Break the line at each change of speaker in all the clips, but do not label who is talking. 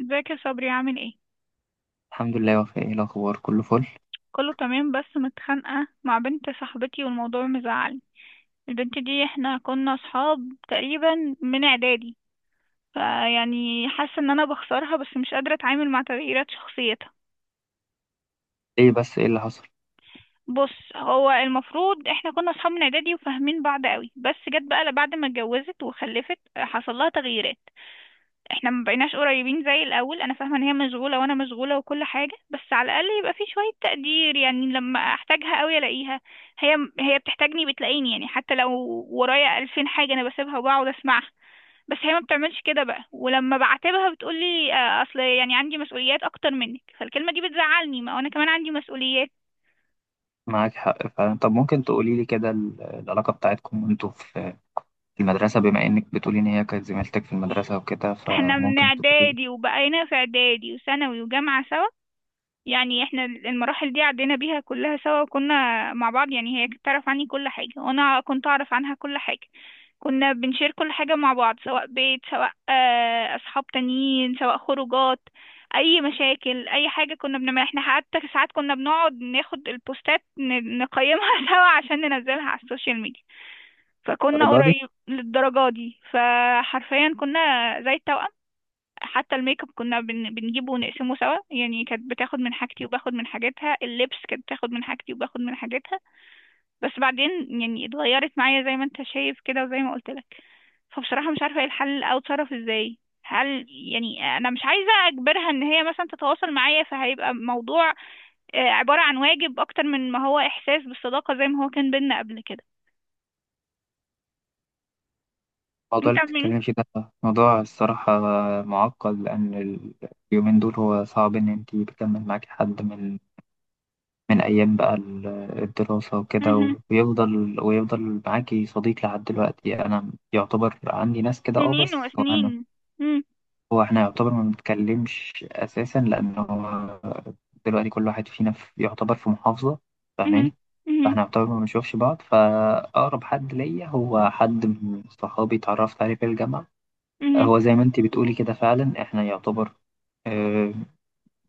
ازيك يا صبري؟ عامل ايه؟
الحمد لله يا وفاء، ايه الاخبار؟ كله فل.
كله تمام بس متخانقه مع بنت صاحبتي والموضوع مزعلني. البنت دي احنا كنا اصحاب تقريبا من اعدادي، فيعني حاسه ان انا بخسرها بس مش قادره اتعامل مع تغييرات شخصيتها.
ايه؟ بس ايه اللي حصل؟
بص، هو المفروض احنا كنا اصحاب من اعدادي وفاهمين بعض قوي، بس جت بقى بعد ما اتجوزت وخلفت حصل لها تغييرات. احنا ما بقيناش قريبين زي الاول. انا فاهمه ان هي مشغوله وانا مشغوله وكل حاجه، بس على الاقل يبقى في شويه تقدير، يعني لما احتاجها قوي الاقيها. هي هي بتحتاجني بتلاقيني، يعني حتى لو ورايا 2000 حاجه انا بسيبها وبقعد اسمعها. بس هي ما بتعملش كده بقى، ولما بعاتبها بتقولي اصل يعني عندي مسؤوليات اكتر منك، فالكلمه دي بتزعلني، ما انا كمان عندي مسؤوليات.
معاك حق فعلا. طب ممكن تقولي لي كده العلاقه بتاعتكم وانتوا في المدرسه، بما انك بتقولي ان هي كانت زميلتك في المدرسه وكده؟
احنا من
فممكن تقولي لي.
اعدادي، وبقينا في اعدادي وثانوي وجامعه سوا. يعني احنا المراحل دي عدينا بيها كلها سوا، وكنا مع بعض. يعني هي كانت تعرف عني كل حاجة، وانا كنت اعرف عنها كل حاجة. كنا بنشير كل حاجة مع بعض، سواء بيت، سواء اصحاب تانيين، سواء خروجات، اي مشاكل، اي حاجة كنا بنعملها احنا. حتى ساعات كنا بنقعد ناخد البوستات نقيمها سوا عشان ننزلها على السوشيال ميديا. فكنا
الدرجه دي؟
قريب للدرجة دي، فحرفيا كنا زي التوأم. حتى الميك اب كنا بنجيبه ونقسمه سوا، يعني كانت بتاخد من حاجتي وباخد من حاجتها، اللبس كانت بتاخد من حاجتي وباخد من حاجتها. بس بعدين يعني اتغيرت معايا زي ما انت شايف كده وزي ما قلت لك. فبصراحة مش عارفة ايه الحل او اتصرف ازاي. هل يعني انا مش عايزة اجبرها ان هي مثلا تتواصل معايا، فهيبقى موضوع عبارة عن واجب اكتر من ما هو احساس بالصداقة زي ما هو كان بينا قبل كده.
الموضوع
انت
اللي
من
بتتكلمي فيه ده موضوع الصراحه معقد، لان اليومين دول هو صعب ان انت بيكمل معاكي حد من ايام بقى الدراسه وكده،
مهم.
ويفضل معاكي صديق لحد دلوقتي. انا يعتبر عندي ناس كده، اه،
سنين
بس
وسنين. مم.
هو احنا يعتبر ما بنتكلمش اساسا، لانه دلوقتي كل واحد فينا في يعتبر في محافظه،
مهم.
فاهماني؟
مهم.
فاحنا يعتبر ما بنشوفش بعض. فاقرب حد ليا هو حد من صحابي، اتعرفت عليه في الجامعه.
مهم.
هو زي ما انتي بتقولي كده فعلا، احنا يعتبر آه،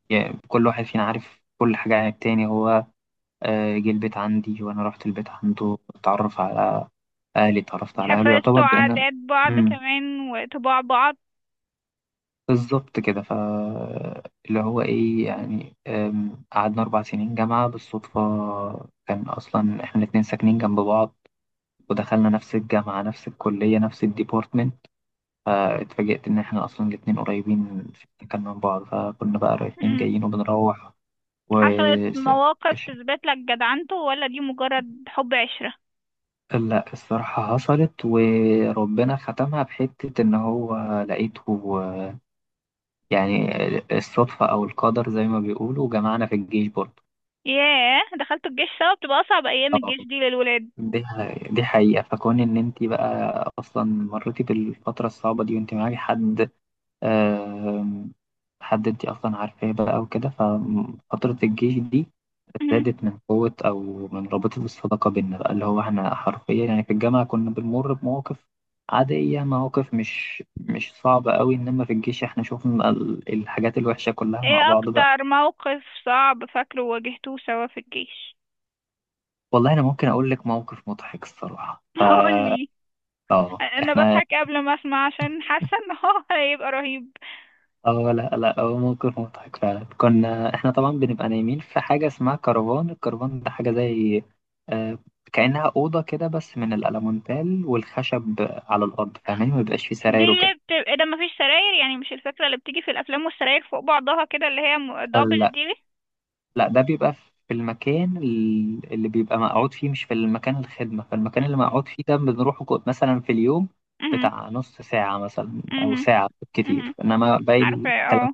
يعني كل واحد فينا عارف كل حاجه عن التاني. هو جه البيت عندي وانا رحت البيت عنده، اتعرف على اهلي اتعرفت على اهله، يعتبر
حفظتوا
بان.
عادات بعض كمان وطباع بعض.
بالظبط كده. ف اللي هو ايه يعني، قعدنا 4 سنين جامعة بالصدفة، كان اصلا احنا الاتنين ساكنين جنب بعض ودخلنا نفس الجامعة نفس الكلية نفس الديبارتمنت. فاتفاجئت ان احنا اصلا الاتنين قريبين في السكن من بعض، فكنا بقى رايحين
مم.
جايين وبنروح و
حصلت مواقف
ش-
تثبت لك جدعنته، ولا دي مجرد حب عشرة؟
لا، الصراحة حصلت وربنا ختمها بحتة، ان هو لقيته يعني. الصدفة او القدر زي ما بيقولوا جمعنا في الجيش برضه.
ياه، دخلتوا الجيش سوا! بتبقى أصعب أيام الجيش دي للولاد.
دي حقيقة، فكون إن أنت بقى أصلا مريتي بالفترة الصعبة دي وأنت معاكي حد، آم، حد أنت أصلا عارفاه بقى وكده، ففترة الجيش دي
مم.
زادت من قوة، أو من رابطة الصداقة بينا بقى. اللي هو إحنا حرفيا يعني في الجامعة كنا بنمر بمواقف عادية، مواقف مش صعبة قوي، إنما في الجيش إحنا شوفنا الحاجات الوحشة كلها مع
ايه
بعض بقى.
أكتر موقف صعب فاكره واجهتوه سوا في الجيش؟
والله أنا ممكن أقول لك موقف مضحك الصراحة.
هقولي. أنا
إحنا،
بضحك قبل ما أسمع عشان حاسة إن هو هيبقى رهيب.
اه لا لا، هو موقف مضحك فعلا. كنا احنا طبعا بنبقى نايمين في حاجة اسمها كرفان. الكرفان ده حاجة زي، آه كأنها أوضة كده، بس من الألمونتال والخشب على الأرض، فاهمين؟ ما بيبقاش فيه
دي
سراير
اللي
وكده.
بتبقى، ده مفيش سراير يعني؟ مش الفكرة اللي بتيجي في الأفلام والسراير فوق بعضها كده، اللي هي دبل
لا
دي؟
لا، ده بيبقى في المكان اللي بيبقى مقعود فيه، مش في المكان الخدمة. فالمكان اللي مقعود فيه ده بنروحه مثلا في اليوم
مهم.
بتاع نص ساعة مثلا أو
مهم.
ساعة كتير،
مهم.
إنما باقي
عارفة،
الكلام،
اه.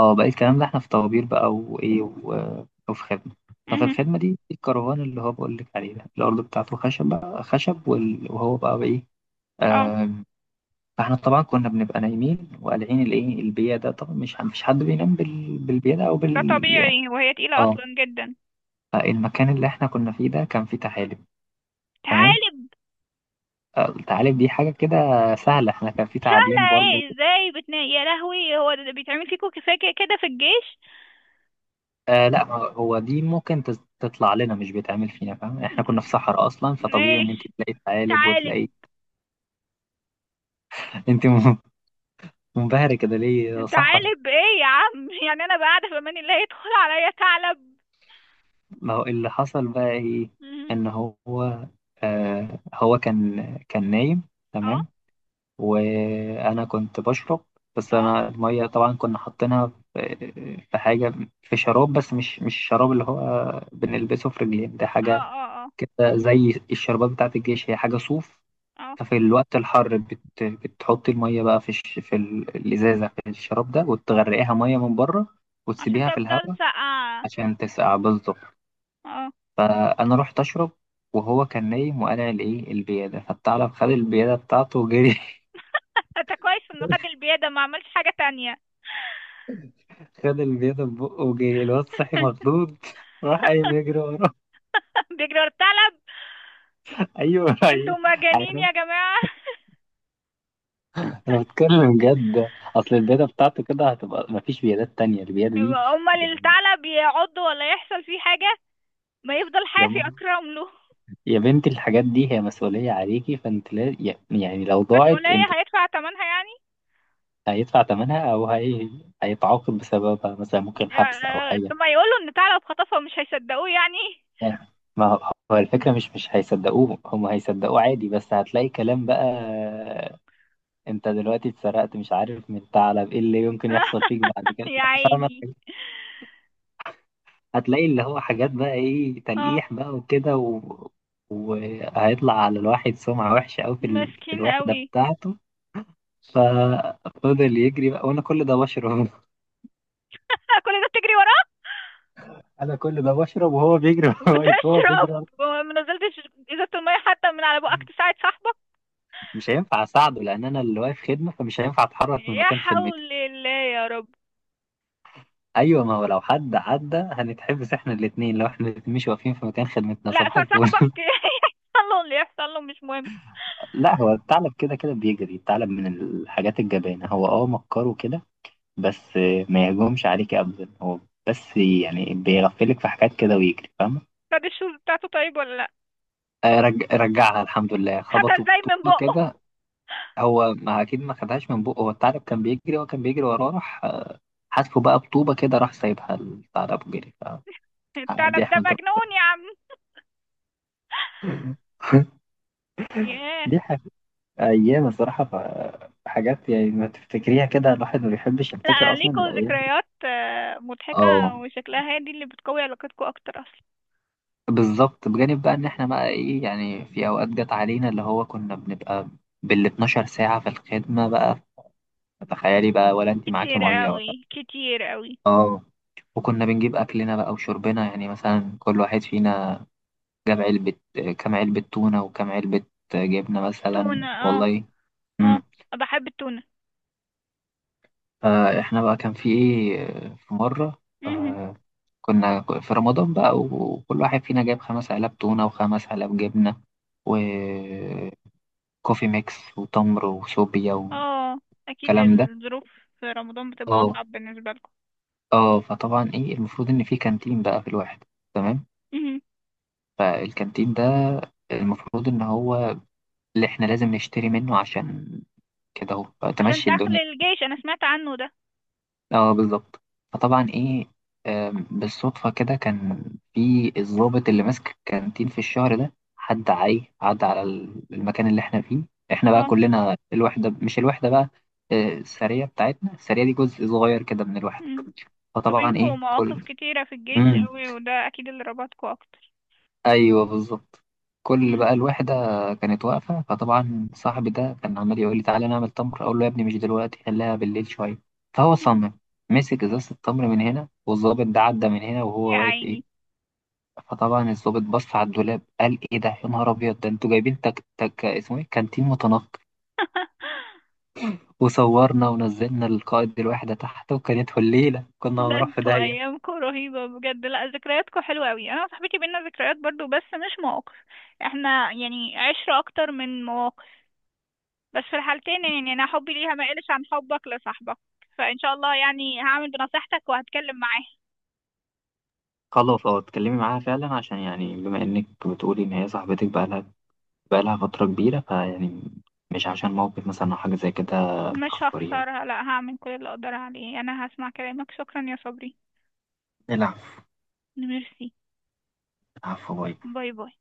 اه، باقي الكلام ده احنا في طوابير بقى، وايه، وفي خدمة. ففي
مهم.
الخدمة دي الكرفان اللي هو بقول لك عليه ده، الأرض بتاعته خشب بقى، خشب، وهو بقى بإيه.
اه،
آم، فاحنا طبعا كنا بنبقى نايمين وقالعين الايه، البيا ده طبعا مش حد بينام بالبيا ده او
ده
بال، يعني.
طبيعي وهي تقيلة
اه
اصلا جدا.
المكان اللي احنا كنا فيه ده كان فيه تعالب. تمام.
تعالب؟
التعالب دي حاجة كده سهلة، احنا كان فيه
سهلة
تعابين برضو.
ايه؟ ازاي؟ بتنا يا لهوي! هو ده بيتعمل فيكوا كفاية كده كده في الجيش؟
لا، ما هو دي ممكن تطلع لنا، مش بيتعمل فينا، فاهم؟ احنا كنا في
م-
صحراء اصلا، فطبيعي ان انت
ماشي.
تلاقي ثعالب
تعالب.
وتلاقي. انت منبهرة كده ليه يا صحراء؟
تعالب ايه يا عم؟ يعني انا بقى قاعدة في امان الله يدخل عليا ثعلب؟
ما هو اللي حصل بقى ايه،
مهم.
ان هو هو كان نايم،
اه
تمام، وانا كنت بشرب. بس
اه
انا الميه طبعا كنا حاطينها في حاجه، في شراب، بس مش الشراب اللي هو بنلبسه في رجلين، ده
اه.
حاجه
اه. اه.
كده زي الشربات بتاعت الجيش، هي حاجه صوف.
اه.
ففي الوقت الحر بتحطي المية بقى في الإزازة، في الشراب ده، وتغرقيها مية من بره،
عشان
وتسيبيها في
تفضل
الهواء
ساقعة.
عشان تسقع، بالظبط.
اه.
فأنا رحت أشرب، وهو كان نايم وقلع الإيه، البيادة، فالثعلب خد البيادة بتاعته وجري.
انت كويس انه خد البيادة، ما عملش حاجة تانية.
خد البيضة في بقه وجري. الواد صحي مخضوض راح قايم يجري وراه.
بيجري ورا الثعلب!
ايوه،
انتوا مجانين
هيروح.
يا جماعة!
انا بتكلم جد. اصل البيضة بتاعته كده هتبقى، مفيش بيضات تانية البيضة دي،
امال
يعني.
الثعلب يعض ولا يحصل فيه حاجة؟ ما يفضل
يا
حافي،
ماما،
اكرم له.
يا بنتي الحاجات دي هي مسؤولية عليكي، فانت، لا، يعني لو ضاعت
مسؤولية؟
انت،
هيدفع ثمنها يعني؟
هيدفع ثمنها، هيتعاقب بسببها مثلا، ممكن حبس او حاجة،
طب ما يقولوا ان ثعلب خطفه، مش هيصدقوه يعني؟
يعني. ما هو هو الفكرة مش هيصدقوه هم هيصدقوه عادي، بس هتلاقي كلام بقى، انت دلوقتي اتسرقت مش عارف من ثعلب، ايه اللي يمكن يحصل فيك بعد كده؟
يا
فاهمة؟
عيني.
هتلاقي اللي هو حاجات بقى، ايه،
اه.
تلقيح بقى وكده، وهيطلع على الواحد سمعة وحشة أوي في
مسكين
الوحدة
قوي.
بتاعته. ففضل يجري بقى، وانا كل ده بشرب
كل ده بتجري وراه!
انا كل ده بشرب وهو بيجري وأنا واقف هو
بتشرب؟
بيجري.
ما نزلتش ازازة المية حتى من على بقك تساعد صاحبك؟
مش هينفع اساعده، لان انا اللي واقف خدمه، فمش هينفع اتحرك من
يا
مكان خدمتي.
حول الله يا رب.
ايوه، ما هو لو حد عدى هنتحبس احنا الاثنين، لو احنا الاتنين مش واقفين في مكان خدمتنا،
لا
صباح
فصاحبك
الفل.
يحصل له اللي يحصل له، مش مهم.
لا، هو الثعلب كده كده بيجري، الثعلب من الحاجات الجبانه، هو مكره كده بس، ما يهجمش عليك ابدا، هو بس يعني بيغفلك في حاجات كده ويجري، فاهمه؟
خد الشوز بتاعته طيب، ولا لا؟
رجعها الحمد لله.
خدها
خبطوا
ازاي من
بطوبه
بقه؟
كده. هو ما اكيد ما خدهاش من بقه، هو الثعلب كان بيجري، هو كان بيجري وراه، راح حاسبه بقى بطوبه كده، راح سايبها الثعلب وجري. فدي
الثعلب ده
احمد
مجنون يا عم.
ربنا
ياه.
دي ح- ايام الصراحه، حاجات يعني ما تفتكريها كده، الواحد ما بيحبش يفتكر
لا
اصلا
ليكوا
الايام دي.
ذكريات مضحكة.
اه،
وشكلها هي دي اللي بتقوي علاقتكوا أكتر أصلا.
بالظبط. بجانب بقى ان احنا بقى ايه يعني، في اوقات جت علينا اللي هو كنا بنبقى بال 12 ساعه في الخدمه بقى، تخيلي بقى، ولا انت معاكي
كتير
ميه ولا.
قوي، كتير قوي.
اه. وكنا بنجيب اكلنا بقى وشربنا، يعني مثلا كل واحد فينا جاب كام علبة تونة وكام علبة جبنة مثلا،
تونة. اه.
والله.
اه.
امم
بحب التونة.
فاحنا بقى كان في ايه، في مرة،
مهم.
كنا في رمضان بقى، وكل واحد فينا جاب 5 علب تونة وخمس علب جبنة، وكوفي ميكس، وتمر، وسوبيا،
اه، أكيد
والكلام ده.
الظروف. في رمضان بتبقى
اه
أصعب بالنسبة لكم.
اه فطبعا ايه، المفروض ان في كانتين بقى في الواحد، تمام.
مهم.
فالكانتين ده المفروض ان هو اللي احنا لازم نشتري منه، عشان كده اهو
عشان
تمشي
دخل
الدنيا.
الجيش، أنا سمعت عنه ده.
اه، بالظبط. فطبعا ايه، بالصدفة كده كان في الضابط اللي ماسك الكانتين في الشهر ده، حد عدى على المكان اللي احنا فيه. احنا بقى
اه.
كلنا الوحدة، مش الوحدة بقى، السرية بتاعتنا. السرية دي جزء صغير كده من الوحدة.
مم. انتوا
فطبعا
بينكوا
ايه،
مواقف
كل.
كتيرة في الجيش
مم.
قوي، وده أكيد اللي ربطكوا أكتر.
ايوه، بالظبط. كل
مم.
بقى الوحده كانت واقفه، فطبعا صاحبي ده كان عمال يقول لي تعالى نعمل تمر، اقول له يا ابني مش دلوقتي، خليها بالليل شويه. فهو
مم.
صمم، مسك ازازه التمر من هنا، والظابط ده عدى من هنا
يا
وهو واقف، ايه.
عيني.
فطبعا الظابط بص على الدولاب، قال ايه ده يا نهار ابيض، ده انتوا جايبين تك تك، اسمه ايه، كانتين متنقي؟ وصورنا ونزلنا القائد الوحده تحت، وكانت الليله كنا
لا،
هنروح في
انتوا
داهيه.
ايامكم رهيبه بجد. لا، ذكرياتكم حلوه قوي. انا وصاحبتي بينا ذكريات برضو، بس مش مواقف. احنا يعني عشره اكتر من مواقف. بس في الحالتين، يعني انا حبي ليها ما قلش عن حبك لصاحبك. فان شاء الله يعني هعمل بنصيحتك وهتكلم معاه.
خلاص، اه، اتكلمي معاها فعلا، عشان يعني بما انك بتقولي ان هي صاحبتك بقى، بقالها فترة كبيرة، فيعني مش عشان موقف مثلا أو حاجة زي كده
مش
تخسريها.
هخسرها، لا، هعمل كل اللي اقدر عليه. انا هسمع كلامك. شكرا يا صبري.
نلعب.
ميرسي.
نلعب في بايظ.
باي باي.